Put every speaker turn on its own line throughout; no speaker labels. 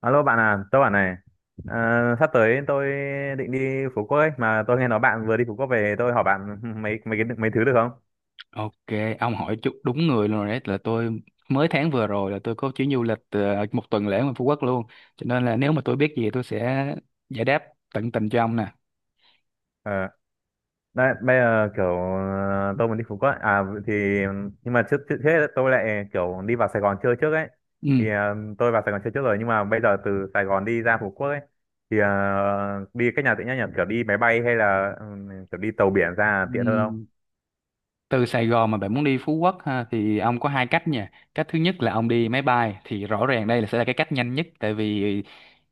Alo bạn à, tôi bảo này, ờ, sắp tới tôi định đi Phú Quốc ấy, mà tôi nghe nói bạn vừa đi Phú Quốc về, tôi hỏi bạn mấy mấy cái mấy thứ được không?
Ok, ông hỏi chút đúng người luôn rồi đấy là tôi mới tháng vừa rồi là tôi có chuyến du lịch một tuần lễ ngoài Phú Quốc luôn. Cho nên là nếu mà tôi biết gì tôi sẽ giải đáp tận tình cho ông nè.
Ờ, đấy, bây giờ kiểu tôi muốn đi Phú Quốc, ấy. À thì nhưng mà trước trước hết ấy, tôi lại kiểu đi vào Sài Gòn chơi trước ấy,
Ừ.
thì tôi vào Sài Gòn chơi trước rồi nhưng mà bây giờ từ Sài Gòn đi ra Phú Quốc ấy, thì đi cách nào tiện nhất nhỉ? Kiểu đi máy bay hay là kiểu đi tàu biển ra là tiện hơn không?
Ừ. Từ Sài Gòn mà bạn muốn đi Phú Quốc ha, thì ông có hai cách nha. Cách thứ nhất là ông đi máy bay thì rõ ràng đây là sẽ là cái cách nhanh nhất, tại vì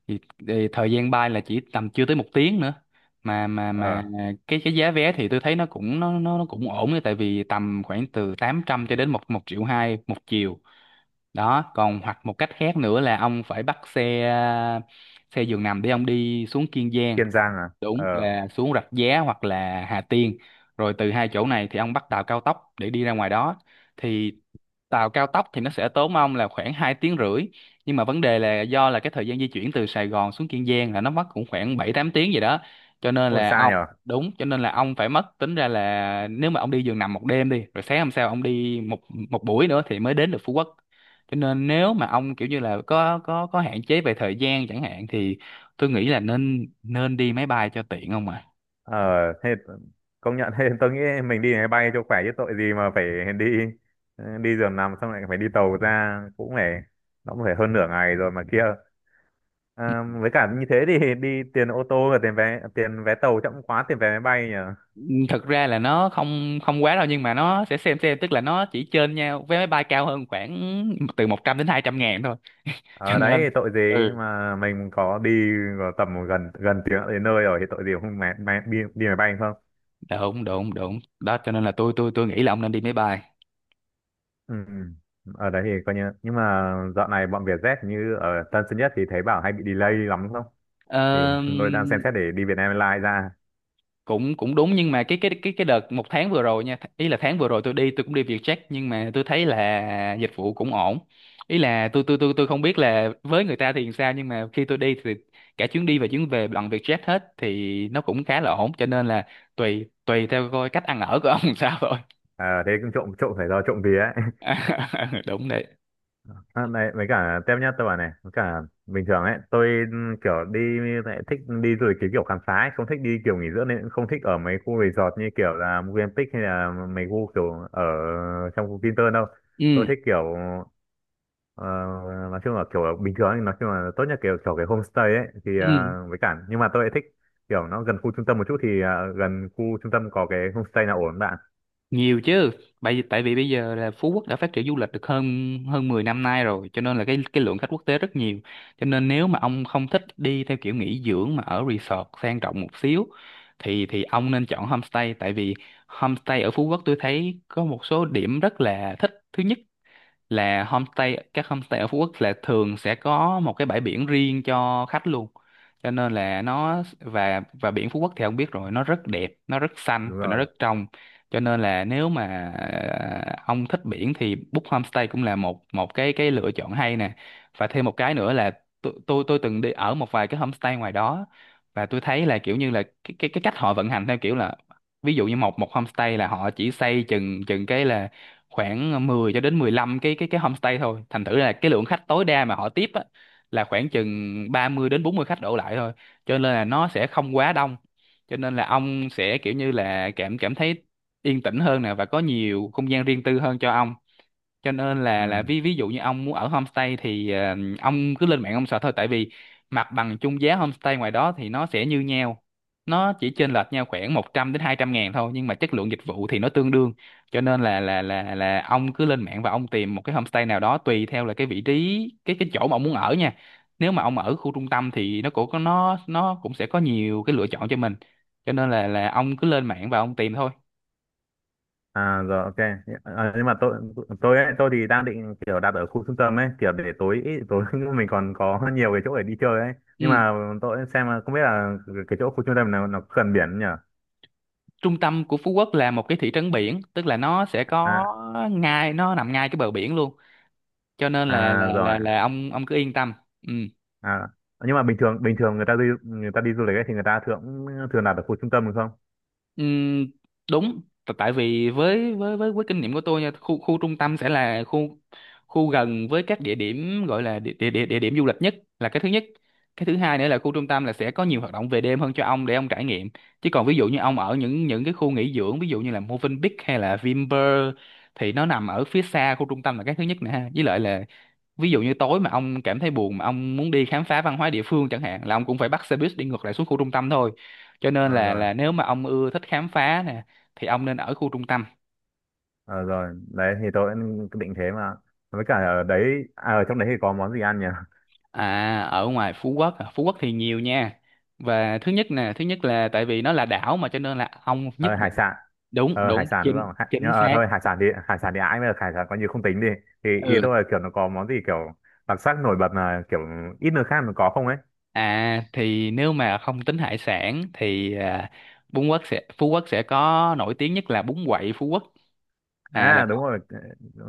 thì, thì thời gian bay là chỉ tầm chưa tới một tiếng nữa, mà mà
Ờ,
mà cái giá vé thì tôi thấy nó cũng ổn đấy, tại vì tầm khoảng từ 800 cho đến một một triệu hai một chiều đó. Còn hoặc một cách khác nữa là ông phải bắt xe xe giường nằm để ông đi xuống Kiên Giang,
Kiên Giang à?
đúng
Ờ,
là xuống Rạch Giá hoặc là Hà Tiên, rồi từ hai chỗ này thì ông bắt tàu cao tốc để đi ra ngoài đó. Thì tàu cao tốc thì nó sẽ tốn ông là khoảng 2 tiếng rưỡi, nhưng mà vấn đề là do là cái thời gian di chuyển từ Sài Gòn xuống Kiên Giang là nó mất cũng khoảng 7 8 tiếng gì đó, cho nên
ôi
là
xa
ông,
nhỉ?
đúng, cho nên là ông phải mất tính ra là nếu mà ông đi giường nằm một đêm đi rồi sáng hôm sau ông đi một một buổi nữa thì mới đến được Phú Quốc. Cho nên nếu mà ông kiểu như là có hạn chế về thời gian chẳng hạn thì tôi nghĩ là nên nên đi máy bay cho tiện không ạ.
Ờ thế công nhận thế tôi nghĩ mình đi máy bay cho khỏe chứ tội gì mà phải đi đi giường nằm xong lại phải đi tàu ra cũng phải nó cũng phải hơn nửa ngày rồi mà kia. À, với cả như thế thì đi tiền ô tô và tiền vé tàu chậm quá tiền vé máy bay nhỉ.
Thật ra là nó không không quá đâu, nhưng mà nó sẽ xem, tức là nó chỉ trên nhau vé máy bay cao hơn khoảng từ 100 đến 200 ngàn thôi cho
Ở đấy
nên
thì tội gì
ừ,
mà mình có đi vào tầm gần gần tiếng đến nơi rồi thì tội gì mà không máy, máy, đi, đi máy bay không.
đúng đúng đúng đó, cho nên là tôi nghĩ là ông nên đi máy bay.
Ừ. Ở đấy thì coi như nhưng mà dạo này bọn Vietjet như ở Tân Sơn Nhất thì thấy bảo hay bị delay lắm không thì
Ờ,
tôi đang xem xét để đi Việt Nam Airlines ra.
cũng cũng đúng, nhưng mà cái đợt một tháng vừa rồi nha, ý là tháng vừa rồi tôi đi, tôi cũng đi Vietjet nhưng mà tôi thấy là dịch vụ cũng ổn. Ý là tôi không biết là với người ta thì sao, nhưng mà khi tôi đi thì cả chuyến đi và chuyến về bằng Vietjet hết thì nó cũng khá là ổn. Cho nên là tùy tùy theo coi cách ăn ở của ông sao thôi.
À, thế cũng trộm trộm phải do trộm vía ấy.
Đúng đấy.
À, này với cả tiếp nhá tôi bảo này với cả bình thường ấy tôi kiểu đi lại thích đi du lịch cái kiểu khám phá ấy, không thích đi kiểu nghỉ dưỡng nên cũng không thích ở mấy khu resort như kiểu là Movenpick hay là mấy khu kiểu ở trong khu Vinpearl đâu. Tôi
Ừ.
thích kiểu ờ, nói chung là kiểu bình thường ấy, nói chung là tốt nhất kiểu kiểu cái homestay ấy thì
Ừ,
à, với cả nhưng mà tôi lại thích kiểu nó gần khu trung tâm một chút thì à, gần khu trung tâm có cái homestay nào ổn bạn?
nhiều chứ. Tại vì bây giờ là Phú Quốc đã phát triển du lịch được hơn hơn 10 năm nay rồi, cho nên là cái lượng khách quốc tế rất nhiều. Cho nên nếu mà ông không thích đi theo kiểu nghỉ dưỡng mà ở resort sang trọng một xíu thì ông nên chọn homestay, tại vì homestay ở Phú Quốc tôi thấy có một số điểm rất là thích. Thứ nhất là homestay, các homestay ở Phú Quốc là thường sẽ có một cái bãi biển riêng cho khách luôn, cho nên là nó, và biển Phú Quốc thì ông biết rồi, nó rất đẹp, nó rất xanh
Đúng
và nó
rồi.
rất trong. Cho nên là nếu mà ông thích biển thì book homestay cũng là một một cái lựa chọn hay nè. Và thêm một cái nữa là tôi từng đi ở một vài cái homestay ngoài đó, và tôi thấy là kiểu như là cái cách họ vận hành theo kiểu là ví dụ như một một homestay là họ chỉ xây chừng chừng cái là khoảng 10 cho đến 15 cái homestay thôi, thành thử là cái lượng khách tối đa mà họ tiếp á, là khoảng chừng 30 đến 40 khách đổ lại thôi, cho nên là nó sẽ không quá đông. Cho nên là ông sẽ kiểu như là cảm cảm thấy yên tĩnh hơn nè, và có nhiều không gian riêng tư hơn cho ông. Cho nên là
Ừ.
ví ví dụ như ông muốn ở homestay thì ông cứ lên mạng ông sợ thôi, tại vì mặt bằng chung giá homestay ngoài đó thì nó sẽ như nhau, nó chỉ chênh lệch nhau khoảng 100 đến 200 ngàn thôi, nhưng mà chất lượng dịch vụ thì nó tương đương. Cho nên là ông cứ lên mạng và ông tìm một cái homestay nào đó tùy theo là cái vị trí cái chỗ mà ông muốn ở nha. Nếu mà ông ở khu trung tâm thì nó cũng sẽ có nhiều cái lựa chọn cho mình, cho nên là ông cứ lên mạng và ông tìm thôi.
À rồi, ok. Ờ, nhưng mà tôi ấy, tôi thì đang định kiểu đặt ở khu trung tâm ấy, kiểu để tối tối mình còn có nhiều cái chỗ để đi chơi ấy. Nhưng
Ừ,
mà tôi xem là không biết là cái chỗ khu trung tâm nào nó có gần biển không nhỉ?
trung tâm của Phú Quốc là một cái thị trấn biển, tức là nó sẽ có
À,
ngay, nó nằm ngay cái bờ biển luôn, cho nên là
à rồi.
ông cứ yên tâm. Ừ.
À nhưng mà bình thường người ta đi du lịch ấy thì người ta thường thường đặt ở khu trung tâm đúng không?
Ừm, đúng. Tại vì với kinh nghiệm của tôi nha, khu khu trung tâm sẽ là khu khu gần với các địa điểm, gọi là địa điểm du lịch nhất, là cái thứ nhất. Cái thứ hai nữa là khu trung tâm là sẽ có nhiều hoạt động về đêm hơn cho ông để ông trải nghiệm. Chứ còn ví dụ như ông ở những cái khu nghỉ dưỡng, ví dụ như là Movenpick hay là Vinpearl, thì nó nằm ở phía xa khu trung tâm là cái thứ nhất nè ha. Với lại là ví dụ như tối mà ông cảm thấy buồn mà ông muốn đi khám phá văn hóa địa phương chẳng hạn, là ông cũng phải bắt xe buýt đi ngược lại xuống khu trung tâm thôi. Cho nên
Ờ,
là
rồi.
nếu mà ông ưa thích khám phá nè thì ông nên ở khu trung tâm.
Ờ, rồi, đấy thì tôi cũng định thế mà. Với cả ở đấy à, ở trong đấy thì có món gì ăn nhỉ?
À, ở ngoài Phú Quốc à, Phú Quốc thì nhiều nha. Và thứ nhất nè, thứ nhất là tại vì nó là đảo mà, cho nên là ông nhất
Ờ, Hải
định,
sản.
đúng
Hải
đúng,
sản đúng
chính
không? Nhưng
chính
mà
xác.
thôi hải sản thì ái mới được hải sản coi như không tính đi thì ý
Ừ.
tôi là kiểu nó có món gì kiểu đặc sắc nổi bật là kiểu ít nơi khác nó có không ấy.
À thì nếu mà không tính hải sản thì à, Phú Quốc sẽ có nổi tiếng nhất là bún quậy Phú Quốc. À là
À đúng rồi.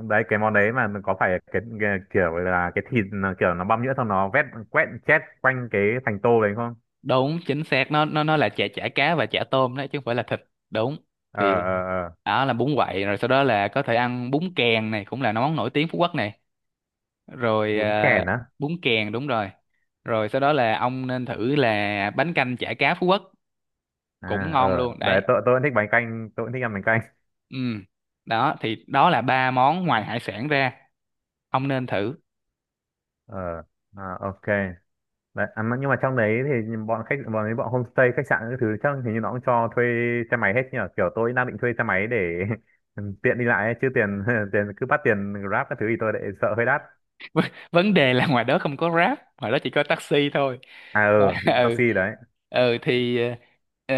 Đấy cái món đấy mà có phải cái kiểu là cái thịt nó kiểu nó băm nhuyễn xong nó vét quét chét quanh cái thành tô đấy không?
đúng, chính xác, nó là chả chả cá và chả tôm đấy, chứ không phải là thịt. Đúng.
Ờ
Thì
ờ ờ.
đó là bún quậy, rồi sau đó là có thể ăn bún kèn này, cũng là món nổi tiếng Phú Quốc này. Rồi
Bún
ờ,
kèn á.
bún kèn đúng rồi. Rồi sau đó là ông nên thử là bánh canh chả cá Phú Quốc, cũng
À ờ
ngon luôn
đấy
đấy.
tôi cũng thích bánh canh tôi cũng thích ăn bánh canh.
Ừ. Đó, thì đó là ba món ngoài hải sản ra ông nên thử.
Ờ. À, ok. Đấy, à, nhưng mà trong đấy thì bọn homestay khách sạn các thứ chắc hình như nó cũng cho thuê xe máy hết nhỉ kiểu tôi đang định thuê xe máy để tiện đi lại ấy, chứ tiền tiền cứ bắt tiền Grab các thứ thì tôi lại sợ hơi đắt.
Vấn đề là ngoài đó không có Grab, ngoài đó chỉ có taxi thôi.
À
Và-
ừ.
ừ.
Taxi đấy.
Ừ thì ờ,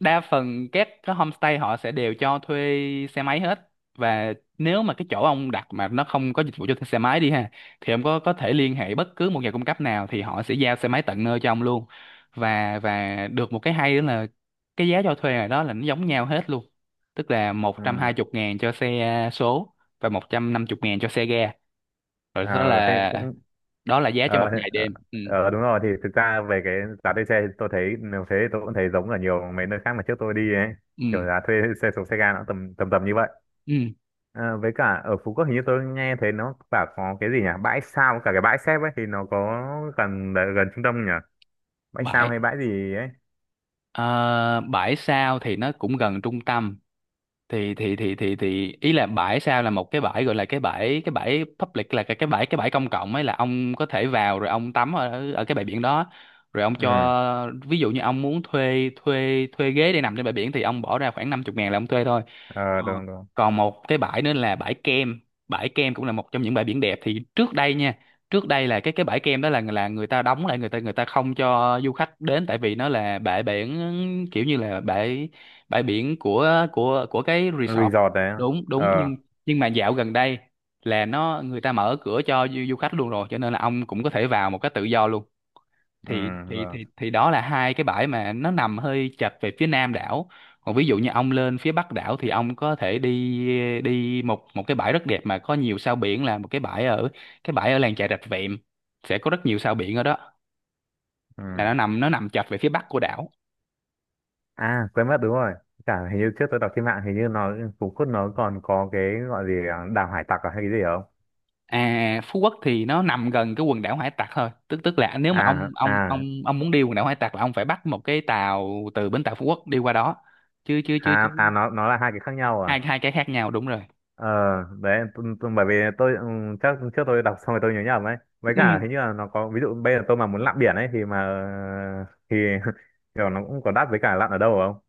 đa phần các cái homestay họ sẽ đều cho thuê xe máy hết. Và nếu mà cái chỗ ông đặt mà nó không có dịch vụ cho thuê xe máy đi ha, thì ông có thể liên hệ bất cứ một nhà cung cấp nào thì họ sẽ giao xe máy tận nơi cho ông luôn. Và được một cái hay đó là cái giá cho thuê ngoài đó là nó giống nhau hết luôn, tức là một trăm
Ừ.
hai chục ngàn cho xe số và một trăm năm chục ngàn cho xe ga. Rồi, đó
À, thế
là,
cũng
đó là giá cho một
ờ thế-
ngày
ờ,
đêm. Ừ.
đúng rồi thì thực ra về cái giá thuê xe thì tôi thấy nếu thế thì tôi cũng thấy giống ở nhiều mấy nơi khác mà trước tôi đi ấy
Ừ.
kiểu giá thuê xe số xe ga nó tầm tầm tầm như vậy.
Ừ,
Ờ, với cả ở Phú Quốc hình như tôi nghe thấy nó bảo có cái gì nhỉ bãi sao cả cái bãi xếp ấy thì nó có gần gần trung tâm nhỉ, bãi sao
vậy.
hay bãi gì ấy.
Ờ, bãi Sao thì nó cũng gần trung tâm. Thì ý là bãi Sao là một cái bãi, gọi là cái bãi public, là cái bãi công cộng ấy, là ông có thể vào rồi ông tắm ở ở cái bãi biển đó. Rồi ông
Ừ.
cho ví dụ như ông muốn thuê thuê thuê ghế để nằm trên bãi biển thì ông bỏ ra khoảng 50 ngàn là ông thuê thôi.
Ờ
Ờ.
đúng đúng.
Còn một cái bãi nữa là bãi Kem. Bãi Kem cũng là một trong những bãi biển đẹp. Thì trước đây nha, trước đây là cái bãi Kem đó là người ta đóng lại, người ta không cho du khách đến, tại vì nó là bãi biển kiểu như là bãi bãi biển của cái resort.
Resort đấy.
Đúng, đúng,
Ờ.
nhưng mà dạo gần đây là nó người ta mở cửa cho du khách luôn rồi, cho nên là ông cũng có thể vào một cách tự do luôn.
Ừ
thì thì
rồi.
thì thì đó là hai cái bãi mà nó nằm hơi chật về phía nam đảo. Còn ví dụ như ông lên phía bắc đảo thì ông có thể đi đi một một cái bãi rất đẹp mà có nhiều sao biển, là một cái bãi ở làng chài Rạch Vẹm, sẽ có rất nhiều sao biển ở đó,
Ừ.
là nó nằm chật về phía bắc của đảo.
À quên mất, đúng rồi, cả hình như trước tôi đọc trên mạng hình như Phú Quốc nó còn có cái gọi gì à, Đảo Hải Tặc à, hay cái gì không?
À, Phú Quốc thì nó nằm gần cái quần đảo Hải Tặc thôi, tức tức là nếu mà ông
À
ông
à
ông ông muốn đi quần đảo Hải Tặc là ông phải bắt một cái tàu từ bến tàu Phú Quốc đi qua đó, chứ chứ chứ chứ
à à nó là hai cái khác nhau à?
hai hai cái khác nhau, đúng rồi.
Ờ, đấy, bởi vì tôi chắc trước tôi đọc xong rồi tôi nhớ nhầm ấy. Với
Ừ.
cả hình như là nó có, ví dụ bây giờ tôi mà muốn lặn biển ấy thì mà, thì kiểu nó cũng có đắt với cả lặn ở đâu không?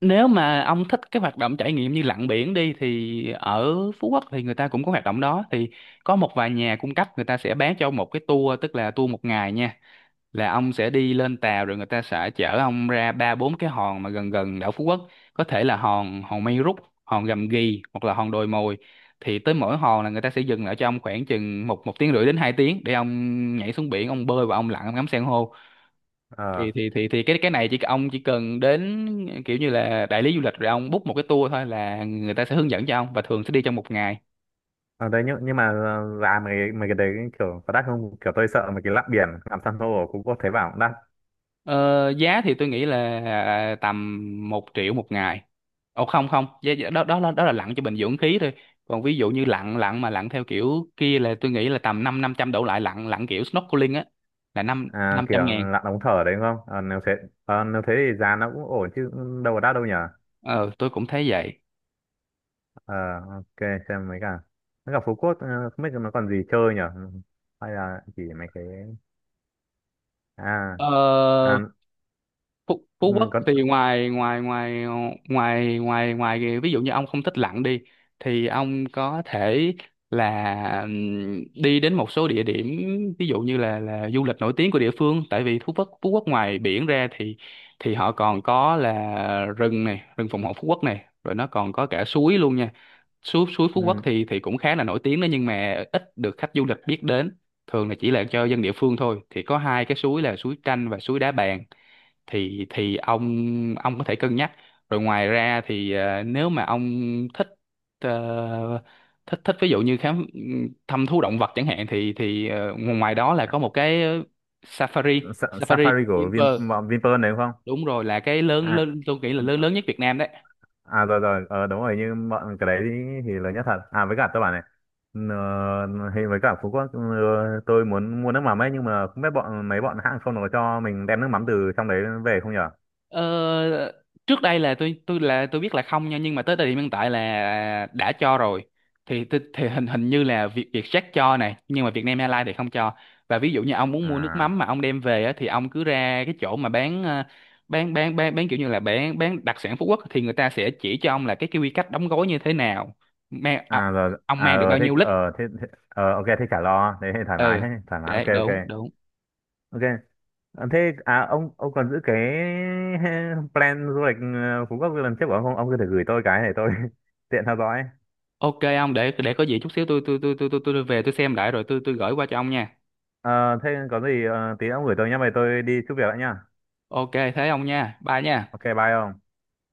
Nếu mà ông thích cái hoạt động trải nghiệm như lặn biển đi thì ở Phú Quốc thì người ta cũng có hoạt động đó, thì có một vài nhà cung cấp người ta sẽ bán cho một cái tour, tức là tour một ngày nha, là ông sẽ đi lên tàu rồi người ta sẽ chở ông ra ba bốn cái hòn mà gần gần đảo Phú Quốc, có thể là hòn hòn Mây Rút, hòn Gầm Ghì hoặc là hòn Đồi Mồi. Thì tới mỗi hòn là người ta sẽ dừng lại cho ông khoảng chừng một một tiếng rưỡi đến 2 tiếng để ông nhảy xuống biển, ông bơi và ông lặn, ông ngắm san hô.
Ờ.
Thì cái này, chỉ cần đến kiểu như là đại lý du lịch rồi ông book một cái tour thôi là người ta sẽ hướng dẫn cho ông, và thường sẽ đi trong một ngày.
Ờ, đấy nhưng mà giá mấy cái đấy kiểu có đắt không? Kiểu tôi sợ mấy cái lặn biển, làm san hô ở Phú Quốc thấy bảo cũng đắt.
Ờ, Giá thì tôi nghĩ là tầm 1 triệu một ngày. Không, không, giá, giá- đó đó là lặn cho bình dưỡng khí thôi. Còn ví dụ như lặn lặn mà lặn theo kiểu kia là tôi nghĩ là tầm năm năm trăm đổ lại, lặn lặn kiểu snorkeling á, là năm
À,
năm
kiểu
trăm ngàn.
lặn ống thở đấy đúng không? Ờ, nếu thế thì giá nó cũng ổn chứ đâu có đắt đâu nhở?
Ờ tôi cũng thấy vậy.
Ờ, ok, xem mấy cả. Mấy cả Phú Quốc, không biết nó còn gì chơi nhở? Hay là chỉ mấy cái... À
ờ
à
Phú
ừ,
Quốc
có
thì ngoài ngoài ngoài ngoài ngoài ngoài kìa, ví dụ như ông không thích lặn đi thì ông có thể là đi đến một số địa điểm, ví dụ như là du lịch nổi tiếng của địa phương. Tại vì Phú Quốc ngoài biển ra thì họ còn có là rừng này, rừng phòng hộ Phú Quốc này, rồi nó còn có cả suối luôn nha. Suối suối Phú Quốc
ừ,
thì cũng khá là nổi tiếng đó, nhưng mà ít được khách du lịch biết đến, thường là chỉ là cho dân địa phương thôi. Thì có hai cái suối là suối Tranh và suối Đá Bàn, thì ông có thể cân nhắc. Rồi ngoài ra thì nếu mà ông thích ờ, thích thích ví dụ như thăm thú động vật chẳng hạn, thì ngoài đó là có một cái safari safari
Safari
của
của
Vinpearl,
bọn Vinpearl đấy đúng không?
đúng rồi, là cái lớn
À
lớn tôi nghĩ là lớn lớn nhất Việt Nam đấy.
à rồi rồi, ờ, đúng rồi nhưng bọn cái đấy thì lớn nhất thật à, với cả tôi bảo này thì với cả Phú Quốc tôi muốn mua nước mắm ấy nhưng mà không biết bọn hãng không nó có cho mình đem nước mắm từ trong đấy về không nhở.
Ờ, trước đây là tôi là tôi biết là không nha, nhưng mà tới thời điểm hiện tại là đã cho rồi. Thì hình hình như là Vietjet cho này, nhưng mà Vietnam Airlines thì không cho. Và ví dụ như ông muốn mua nước
À
mắm mà ông đem về á, thì ông cứ ra cái chỗ mà bán bán kiểu như là bán đặc sản Phú Quốc, thì người ta sẽ chỉ cho ông là cái quy cách đóng gói như thế nào, mang
à rồi
ông
à
mang được bao nhiêu lít.
ờ thế, thế ờ, ok thế chả lo, thế thì thoải mái,
Ừ,
thế thoải mái, ok
để
ok
đúng, đúng.
ok. À, thế à ông còn giữ cái plan du lịch Phú Quốc lần trước của ông không? Ông có thể gửi tôi cái để tôi tiện theo dõi.
Ok, ông, để có gì chút xíu tôi về tôi xem lại rồi tôi gửi qua cho ông nha.
Ờ, thế có gì tí ông gửi tôi nhé, vậy tôi đi chút việc đã nhá.
Ok thế ông nha. Bye nha.
Ok bye ông.